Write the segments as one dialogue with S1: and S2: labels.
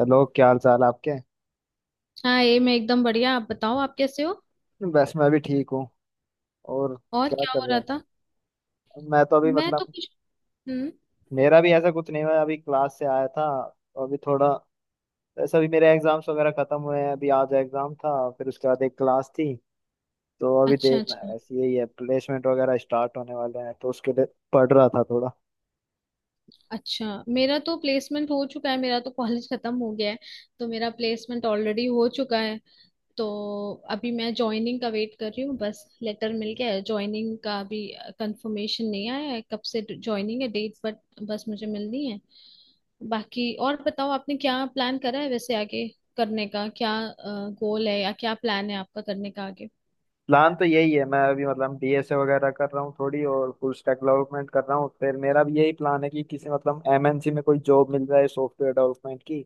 S1: Hello, क्या हाल चाल आपके।
S2: हाँ, ये मैं एकदम बढ़िया। आप बताओ, आप कैसे हो?
S1: बस मैं भी ठीक हूँ। और
S2: और
S1: क्या
S2: क्या
S1: कर
S2: हो
S1: रहे
S2: रहा
S1: हैं।
S2: था?
S1: मैं तो अभी
S2: मैं तो
S1: मतलब
S2: कुछ। हम्म।
S1: मेरा भी ऐसा कुछ नहीं हुआ है। अभी क्लास से आया था तो अभी थोड़ा वैसे अभी मेरे एग्जाम्स वगैरह खत्म हुए हैं। अभी आज एग्जाम था फिर उसके बाद एक क्लास थी, तो अभी
S2: अच्छा,
S1: देखना है।
S2: अच्छा।
S1: बस यही है, प्लेसमेंट वगैरह स्टार्ट होने वाले हैं तो उसके लिए पढ़ रहा था थोड़ा।
S2: अच्छा, मेरा तो प्लेसमेंट हो चुका है। मेरा तो कॉलेज खत्म हो गया है। तो मेरा प्लेसमेंट ऑलरेडी हो चुका है। तो अभी मैं ज्वाइनिंग का वेट कर रही हूँ। बस लेटर मिल गया है ज्वाइनिंग का, अभी कंफर्मेशन नहीं आया है कब से ज्वाइनिंग है डेट, बट बस मुझे मिलनी है। बाकी और बताओ, आपने क्या प्लान करा है वैसे आगे करने का? क्या गोल है या क्या प्लान है आपका करने का आगे?
S1: प्लान तो यही है, मैं अभी मतलब डीएसए वगैरह कर रहा हूँ थोड़ी और फुल स्टैक डेवलपमेंट कर रहा हूँ। फिर मेरा भी यही प्लान है कि किसी मतलब एमएनसी में कोई जॉब मिल जाए सॉफ्टवेयर डेवलपमेंट की।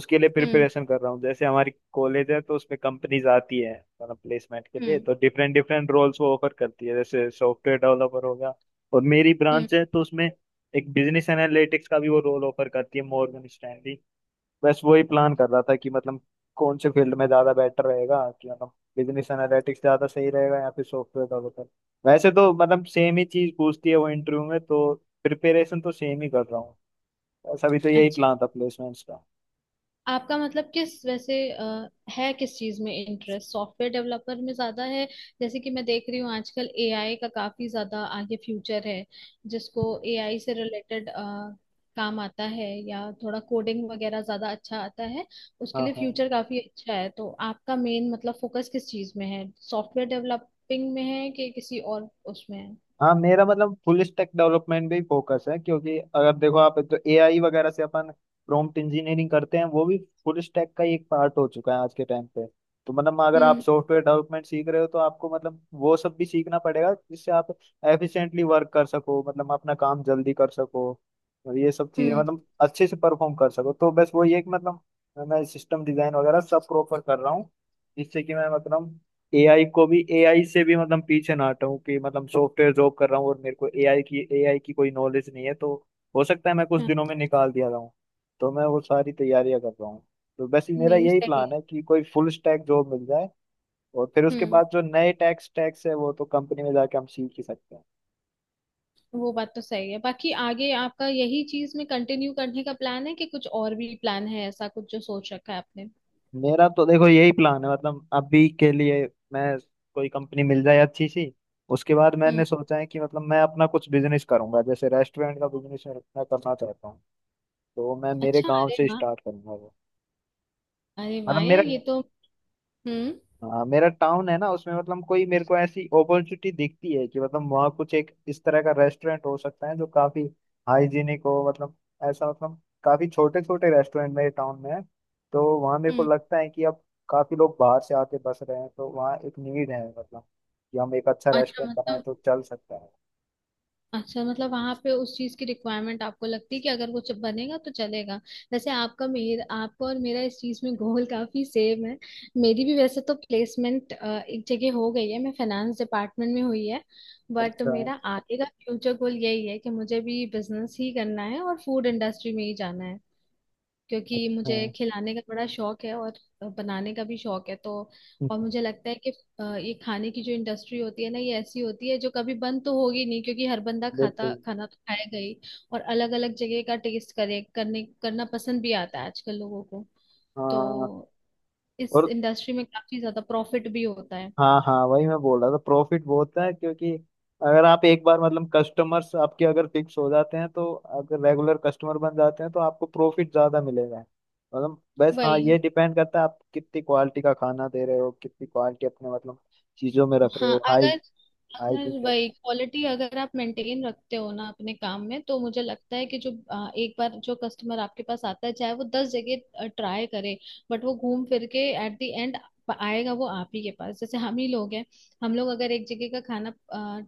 S1: उसके लिए
S2: हम्म।
S1: प्रिपरेशन कर रहा हूँ। जैसे हमारी कॉलेज है तो उसमें कंपनीज आती है मतलब प्लेसमेंट के लिए, तो डिफरेंट डिफरेंट रोल्स वो ऑफर करती है, जैसे सॉफ्टवेयर डेवलपर हो गया। और मेरी
S2: हम्म।
S1: ब्रांच है तो उसमें एक बिजनेस एनालिटिक्स का भी वो रोल ऑफर करती है, मॉर्गन स्टैनली। बस वही प्लान कर रहा था कि मतलब कौन से फील्ड में ज्यादा बेटर रहेगा, कि मतलब बिजनेस एनालिटिक्स ज्यादा सही रहेगा या फिर सॉफ्टवेयर डेवलपर। वैसे तो मतलब सेम ही चीज पूछती है वो इंटरव्यू में, तो प्रिपरेशन तो सेम ही कर रहा हूँ। ऐसा भी तो यही
S2: अच्छा,
S1: प्लान था प्लेसमेंट्स का।
S2: आपका मतलब किस वैसे है किस चीज में इंटरेस्ट, सॉफ्टवेयर डेवलपर में ज्यादा है? जैसे कि मैं देख रही हूँ आजकल एआई का काफी ज्यादा आगे फ्यूचर है। जिसको एआई से रिलेटेड काम आता है या थोड़ा कोडिंग वगैरह ज्यादा अच्छा आता है, उसके
S1: हाँ,
S2: लिए
S1: हाँ।
S2: फ्यूचर काफी अच्छा है। तो आपका मेन मतलब फोकस किस चीज में है, सॉफ्टवेयर डेवलपिंग में है कि किसी और उसमें है?
S1: हाँ मेरा मतलब फुल स्टैक डेवलपमेंट भी फोकस है, क्योंकि अगर देखो आप तो एआई वगैरह से अपन प्रॉम्प्ट इंजीनियरिंग करते हैं, वो भी फुल स्टैक का ही एक पार्ट हो चुका है आज के टाइम पे। तो मतलब अगर आप
S2: हम्म।
S1: सॉफ्टवेयर डेवलपमेंट सीख रहे हो तो आपको मतलब वो सब भी सीखना पड़ेगा जिससे आप एफिशिएंटली वर्क कर सको, मतलब अपना काम जल्दी कर सको और ये सब चीजें
S2: हम्म।
S1: मतलब अच्छे से परफॉर्म कर सको। तो बस वो ये कि मतलब मैं सिस्टम डिजाइन वगैरह सब प्रॉपर कर रहा हूँ, जिससे कि मैं मतलब एआई से भी मतलब पीछे ना हटाऊं, कि मतलब सॉफ्टवेयर जॉब कर रहा हूँ और मेरे को एआई की कोई नॉलेज नहीं है तो हो सकता है मैं कुछ
S2: हाँ,
S1: दिनों में निकाल दिया जाऊँ। तो मैं वो सारी तैयारियां कर रहा हूँ। तो बस मेरा
S2: नहीं
S1: यही
S2: सही
S1: प्लान
S2: है।
S1: है कि कोई फुल स्टैक जॉब मिल जाए और फिर उसके
S2: हम्म।
S1: बाद जो नए टैक्स स्टैक्स है वो तो कंपनी में जाके हम सीख ही सकते हैं।
S2: वो बात तो सही है। बाकी आगे आपका यही चीज में कंटिन्यू करने का प्लान है कि कुछ और भी प्लान है, ऐसा कुछ जो सोच रखा है आपने?
S1: मेरा तो देखो यही प्लान है, मतलब अभी के लिए मैं कोई कंपनी मिल जाए अच्छी सी। उसके बाद
S2: हम्म।
S1: मैंने सोचा है कि मतलब मैं अपना कुछ बिजनेस करूंगा, जैसे रेस्टोरेंट का बिजनेस मैं करना चाहता हूँ। तो मैं मेरे
S2: अच्छा,
S1: गांव
S2: अरे
S1: से
S2: वाह।
S1: स्टार्ट करूंगा वो,
S2: अरे वाह
S1: मतलब मेरा,
S2: यार, ये तो। हम्म।
S1: हाँ, मेरा टाउन है ना उसमें, मतलब कोई मेरे को ऐसी अपॉर्चुनिटी दिखती है कि मतलब वहाँ कुछ एक इस तरह का रेस्टोरेंट हो सकता है जो काफी हाइजीनिक हो, मतलब ऐसा मतलब काफी छोटे छोटे रेस्टोरेंट मेरे टाउन में है। तो वहाँ मेरे को
S2: हम्म।
S1: लगता है कि अब काफी लोग बाहर से आके बस रहे हैं तो वहाँ एक नीड है, मतलब कि हम एक अच्छा
S2: अच्छा
S1: रेस्टोरेंट बनाए
S2: मतलब
S1: तो चल सकता है।
S2: अच्छा मतलब, वहां पे उस चीज की रिक्वायरमेंट आपको लगती है कि अगर कुछ बनेगा तो चलेगा। वैसे आपका और मेरा इस चीज में गोल काफी सेम है। मेरी भी वैसे तो प्लेसमेंट एक जगह हो गई है, मैं फाइनेंस डिपार्टमेंट में हुई है। बट
S1: अच्छा है।
S2: मेरा आगे का फ्यूचर गोल यही है कि मुझे भी बिजनेस ही करना है और फूड इंडस्ट्री में ही जाना है। क्योंकि
S1: अच्छा है।
S2: मुझे खिलाने का बड़ा शौक है और बनाने का भी शौक है तो। और मुझे लगता है कि ये खाने की जो इंडस्ट्री होती है ना, ये ऐसी होती है जो कभी बंद तो होगी नहीं, क्योंकि हर बंदा खाता
S1: बिल्कुल।
S2: खाना तो खाएगा ही। और अलग अलग जगह का टेस्ट करे करने करना पसंद भी आता है आजकल लोगों को। तो
S1: हाँ।
S2: इस
S1: और
S2: इंडस्ट्री में काफी ज्यादा प्रॉफिट भी होता है।
S1: हाँ, हाँ वही मैं बोल रहा था, प्रॉफिट बहुत है, क्योंकि अगर आप एक बार मतलब कस्टमर्स आपके अगर फिक्स हो जाते हैं तो, अगर रेगुलर कस्टमर बन जाते हैं तो आपको प्रॉफिट ज्यादा मिलेगा। मतलब बस हाँ,
S2: वही।
S1: ये डिपेंड करता है आप कितनी क्वालिटी का खाना दे रहे हो, कितनी क्वालिटी अपने मतलब चीजों में रख रहे
S2: हाँ,
S1: हो, हाई
S2: अगर अगर
S1: हाइजीन
S2: वही
S1: कैसे।
S2: क्वालिटी अगर आप मेंटेन रखते हो ना अपने काम में, तो मुझे लगता है कि जो एक बार जो कस्टमर आपके पास आता है, चाहे वो 10 जगह ट्राई करे। बट वो घूम फिर के एट द एंड आएगा वो आप ही के पास। जैसे हम ही लोग हैं। हम लोग अगर एक जगह का खाना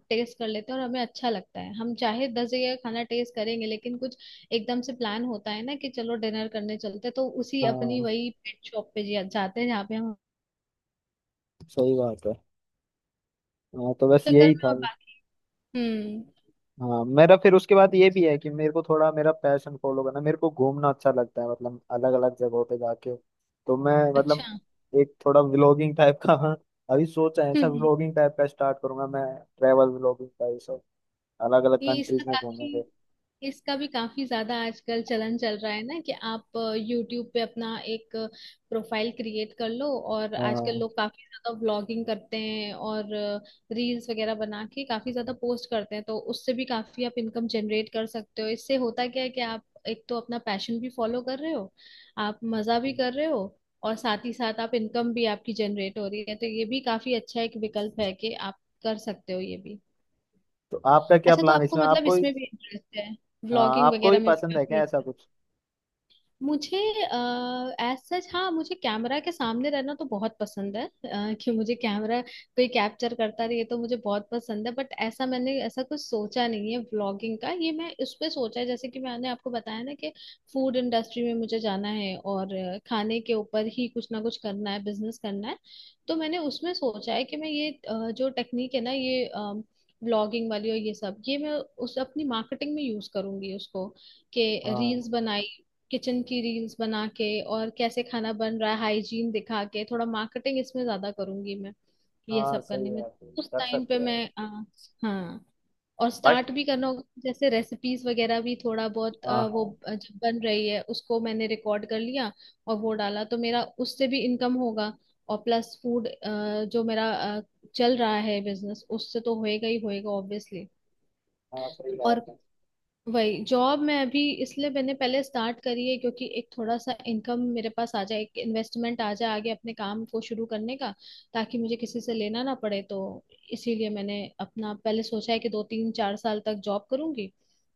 S2: टेस्ट कर लेते हैं और हमें अच्छा लगता है, हम चाहे 10 जगह का खाना टेस्ट करेंगे, लेकिन कुछ एकदम से प्लान होता है ना कि चलो डिनर करने चलते हैं, तो उसी अपनी
S1: हाँ
S2: वही पेट शॉप पे जाते हैं जहाँ पे हम
S1: सही बात है। हाँ तो बस
S2: चक्कर
S1: यही
S2: में,
S1: था।
S2: और बाकी। हम्म।
S1: हाँ मेरा फिर उसके बाद ये भी है कि मेरे को थोड़ा मेरा पैशन फॉलो करना, मेरे को घूमना अच्छा लगता है मतलब अलग अलग जगहों पे जाके। तो मैं
S2: अच्छा।
S1: मतलब एक थोड़ा व्लॉगिंग टाइप का अभी सोचा है, ऐसा
S2: हम्म।
S1: व्लॉगिंग टाइप का स्टार्ट करूंगा मैं, ट्रैवल व्लॉगिंग का ये सब। अलग अलग
S2: ये इसका
S1: कंट्रीज में
S2: काफी,
S1: घूमेंगे।
S2: इसका भी काफी ज्यादा आजकल चलन चल रहा है ना कि आप यूट्यूब पे अपना एक प्रोफाइल क्रिएट कर लो। और आजकल
S1: हाँ
S2: लोग काफी ज्यादा व्लॉगिंग करते हैं और रील्स वगैरह बना के काफी ज्यादा पोस्ट करते हैं, तो उससे भी काफी आप इनकम जनरेट कर सकते हो। इससे होता क्या है कि आप एक तो अपना पैशन भी फॉलो कर रहे हो, आप मजा भी कर रहे हो, और साथ ही साथ आप इनकम भी आपकी जनरेट हो रही है। तो ये भी काफी अच्छा एक विकल्प है कि आप कर सकते हो ये भी।
S1: तो आपका क्या
S2: अच्छा, तो
S1: प्लान है
S2: आपको
S1: इसमें,
S2: मतलब
S1: आपको ही?
S2: इसमें भी इंटरेस्ट है,
S1: हाँ
S2: ब्लॉगिंग
S1: आपको ही
S2: वगैरह में भी
S1: पसंद है क्या
S2: काफी?
S1: ऐसा कुछ?
S2: मुझे, एज सच, हाँ, मुझे कैमरा के सामने रहना तो बहुत पसंद है, कि मुझे कैमरा कोई कैप्चर करता रहे ये तो मुझे बहुत पसंद है। बट ऐसा, मैंने ऐसा कुछ सोचा नहीं है व्लॉगिंग का, ये मैं उस पे सोचा है, जैसे कि मैंने आपको बताया ना कि फूड इंडस्ट्री में मुझे जाना है और खाने के ऊपर ही कुछ ना कुछ करना है, बिजनेस करना है। तो मैंने उसमें सोचा है कि मैं ये जो टेक्निक है ना ये ब्लॉगिंग वाली और ये सब, ये मैं उस अपनी मार्केटिंग में यूज करूंगी उसको। कि रील्स
S1: हाँ।
S2: बनाई, किचन की रील्स बना के और कैसे खाना बन रहा है हाइजीन दिखा के, थोड़ा मार्केटिंग इसमें ज्यादा करूंगी मैं ये
S1: हाँ
S2: सब
S1: सही
S2: करने
S1: है,
S2: में।
S1: आप
S2: उस
S1: कर
S2: टाइम पे
S1: सकते हैं।
S2: मैं हाँ, और
S1: बस।
S2: स्टार्ट भी करना होगा, जैसे रेसिपीज वगैरह भी थोड़ा बहुत,
S1: हाँ,
S2: वो
S1: हाँ।
S2: जब बन रही है उसको मैंने रिकॉर्ड कर लिया और वो डाला तो मेरा उससे भी इनकम होगा। और प्लस फूड जो मेरा चल रहा है बिजनेस, उससे तो होएगा ही होएगा ऑब्वियसली।
S1: हाँ सही बात
S2: और
S1: है।
S2: वही जॉब मैं अभी इसलिए मैंने पहले स्टार्ट करी है, क्योंकि एक थोड़ा सा इनकम मेरे पास आ जाए, एक इन्वेस्टमेंट आ जाए आगे अपने काम को शुरू करने का, ताकि मुझे किसी से लेना ना पड़े तो। इसीलिए मैंने अपना पहले सोचा है कि दो तीन चार साल तक जॉब करूंगी,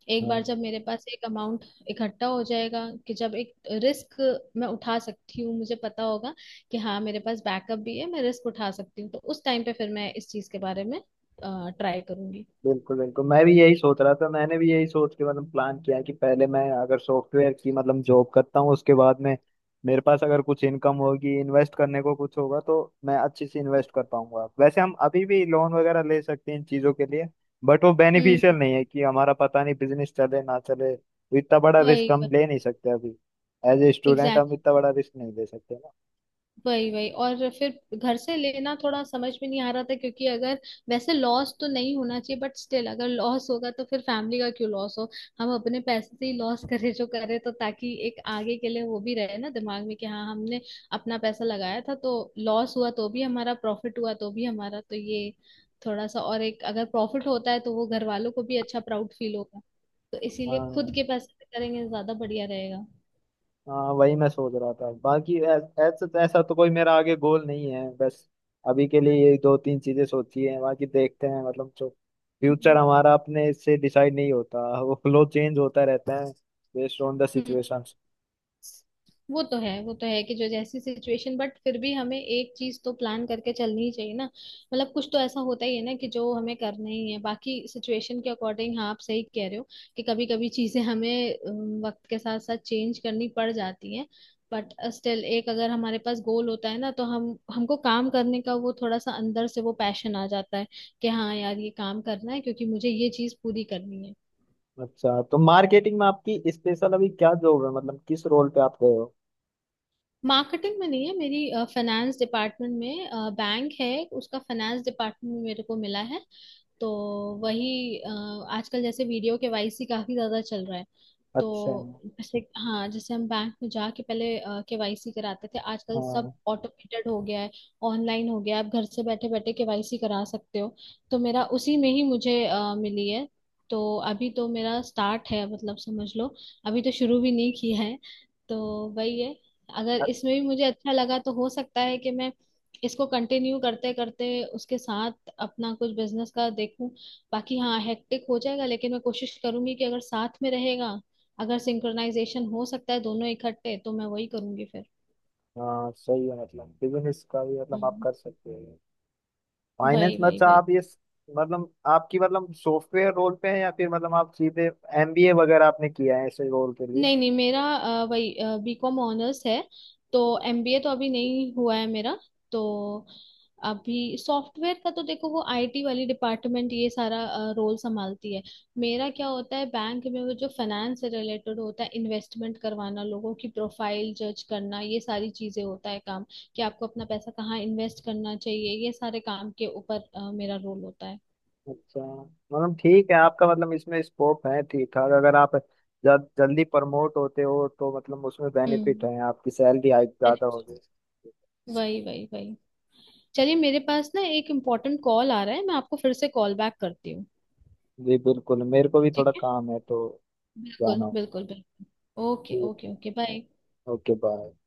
S2: एक बार
S1: हाँ
S2: जब मेरे पास एक अमाउंट इकट्ठा हो जाएगा, कि जब एक रिस्क मैं उठा सकती हूँ, मुझे पता होगा कि हाँ मेरे पास बैकअप भी है, मैं रिस्क उठा सकती हूँ, तो उस टाइम पे फिर मैं इस चीज के बारे में ट्राई करूंगी।
S1: बिल्कुल, बिल्कुल मैं भी यही सोच रहा था। मैंने भी यही सोच के मतलब प्लान किया कि पहले मैं अगर सॉफ्टवेयर की मतलब जॉब करता हूँ, उसके बाद में मेरे पास अगर कुछ इनकम होगी, इन्वेस्ट करने को कुछ होगा तो मैं अच्छे से इन्वेस्ट कर पाऊंगा। वैसे हम अभी भी लोन वगैरह ले सकते हैं इन चीजों के लिए, बट वो
S2: हम्म।
S1: बेनिफिशियल नहीं है कि हमारा पता नहीं बिजनेस चले ना चले, तो इतना बड़ा रिस्क
S2: वही,
S1: हम ले नहीं सकते अभी। एज ए स्टूडेंट हम
S2: एग्जैक्टली,
S1: इतना बड़ा रिस्क नहीं ले सकते ना।
S2: वही वही, और फिर घर से लेना थोड़ा समझ में नहीं आ रहा था क्योंकि अगर, वैसे लॉस तो नहीं होना चाहिए, बट स्टिल अगर लॉस होगा तो फिर फैमिली का क्यों लॉस हो? हम अपने पैसे से ही लॉस करें जो करें, तो ताकि एक आगे के लिए वो भी रहे ना दिमाग में कि हाँ हमने अपना पैसा लगाया था, तो लॉस हुआ तो भी हमारा, प्रॉफिट हुआ तो भी हमारा, तो ये थोड़ा सा। और एक अगर प्रॉफिट होता है तो वो घर वालों को भी अच्छा प्राउड फील होगा। तो इसीलिए
S1: हाँ,
S2: खुद के पैसे से करेंगे, ज्यादा बढ़िया रहेगा।
S1: हाँ वही मैं सोच रहा था। बाकी ऐसा ऐसा तो कोई मेरा आगे गोल नहीं है। बस अभी के लिए ये दो तीन चीजें सोची हैं, बाकी देखते हैं, मतलब जो फ्यूचर
S2: हम्म।
S1: हमारा अपने से डिसाइड नहीं होता, वो फ्लो चेंज होता रहता है, बेस्ड ऑन द सिचुएशन।
S2: वो तो है, वो तो है कि जो जैसी सिचुएशन, बट फिर भी हमें एक चीज तो प्लान करके चलनी ही चाहिए ना? मतलब कुछ तो ऐसा होता ही है ना कि जो हमें करना ही है, बाकी सिचुएशन के अकॉर्डिंग। हाँ, आप सही कह रहे हो कि कभी कभी चीजें हमें वक्त के साथ साथ चेंज करनी पड़ जाती हैं। बट स्टिल एक अगर हमारे पास गोल होता है ना, तो हम हमको काम करने का वो थोड़ा सा अंदर से वो पैशन आ जाता है कि हाँ यार, ये काम करना है क्योंकि मुझे ये चीज पूरी करनी है।
S1: अच्छा तो मार्केटिंग में आपकी स्पेशल अभी क्या जॉब है, मतलब किस रोल पे आप गए हो?
S2: मार्केटिंग में नहीं है, मेरी फाइनेंस डिपार्टमेंट में। बैंक है, उसका फाइनेंस डिपार्टमेंट में मेरे को मिला है। तो वही आजकल जैसे वीडियो केवाईसी काफी ज्यादा चल रहा है। तो
S1: अच्छा।
S2: जैसे, हाँ, जैसे हम बैंक में जाके पहले केवाईसी कराते थे, आजकल सब
S1: हाँ
S2: ऑटोमेटेड हो गया है, ऑनलाइन हो गया है, आप घर से बैठे बैठे केवाईसी करा सकते हो। तो मेरा उसी में ही, मुझे मिली है। तो अभी तो मेरा स्टार्ट है मतलब, समझ लो अभी तो शुरू भी नहीं किया है तो। वही है। अगर
S1: अ-
S2: इसमें भी मुझे अच्छा लगा तो हो सकता है कि मैं इसको कंटिन्यू करते करते उसके साथ अपना कुछ बिजनेस का देखूं। बाकी हाँ, हेक्टिक हो जाएगा, लेकिन मैं कोशिश करूंगी कि अगर साथ में रहेगा, अगर सिंक्रोनाइजेशन हो सकता है दोनों इकट्ठे, तो मैं वही करूंगी फिर।
S1: हाँ सही है, मतलब बिजनेस का भी मतलब आप
S2: हम्म,
S1: कर सकते हो। फाइनेंस
S2: वही
S1: में
S2: वही
S1: अच्छा।
S2: वही।
S1: आप ये मतलब आपकी मतलब सॉफ्टवेयर रोल पे है या फिर मतलब आप सीधे एमबीए वगैरह आपने किया है ऐसे रोल के लिए?
S2: नहीं नहीं, मेरा वही, बीकॉम ऑनर्स है। तो एमबीए तो अभी नहीं हुआ है मेरा तो। अभी सॉफ्टवेयर का तो देखो, वो आईटी वाली डिपार्टमेंट ये सारा रोल संभालती है। मेरा क्या होता है बैंक में, वो जो फाइनेंस से रिलेटेड होता है, इन्वेस्टमेंट करवाना, लोगों की प्रोफाइल जज करना, ये सारी चीजें होता है काम, कि आपको अपना पैसा कहाँ इन्वेस्ट करना चाहिए, ये सारे काम के ऊपर मेरा रोल होता है।
S1: अच्छा। मतलब ठीक है आपका मतलब इसमें स्कोप है ठीक ठाक। अगर आप जल्दी प्रमोट होते हो तो मतलब उसमें बेनिफिट
S2: हम्म।
S1: है, आपकी सैलरी हाइक
S2: अरे,
S1: ज्यादा होगी।
S2: वही वही वही, चलिए मेरे पास ना एक इम्पोर्टेंट कॉल आ रहा है, मैं आपको फिर से कॉल बैक करती हूँ।
S1: जी बिल्कुल, मेरे को भी
S2: ठीक
S1: थोड़ा
S2: है,
S1: काम है तो
S2: बिल्कुल
S1: जाना होगा।
S2: बिल्कुल बिल्कुल। ओके
S1: ठीक
S2: ओके
S1: है।
S2: Okay bye.
S1: Okay, bye.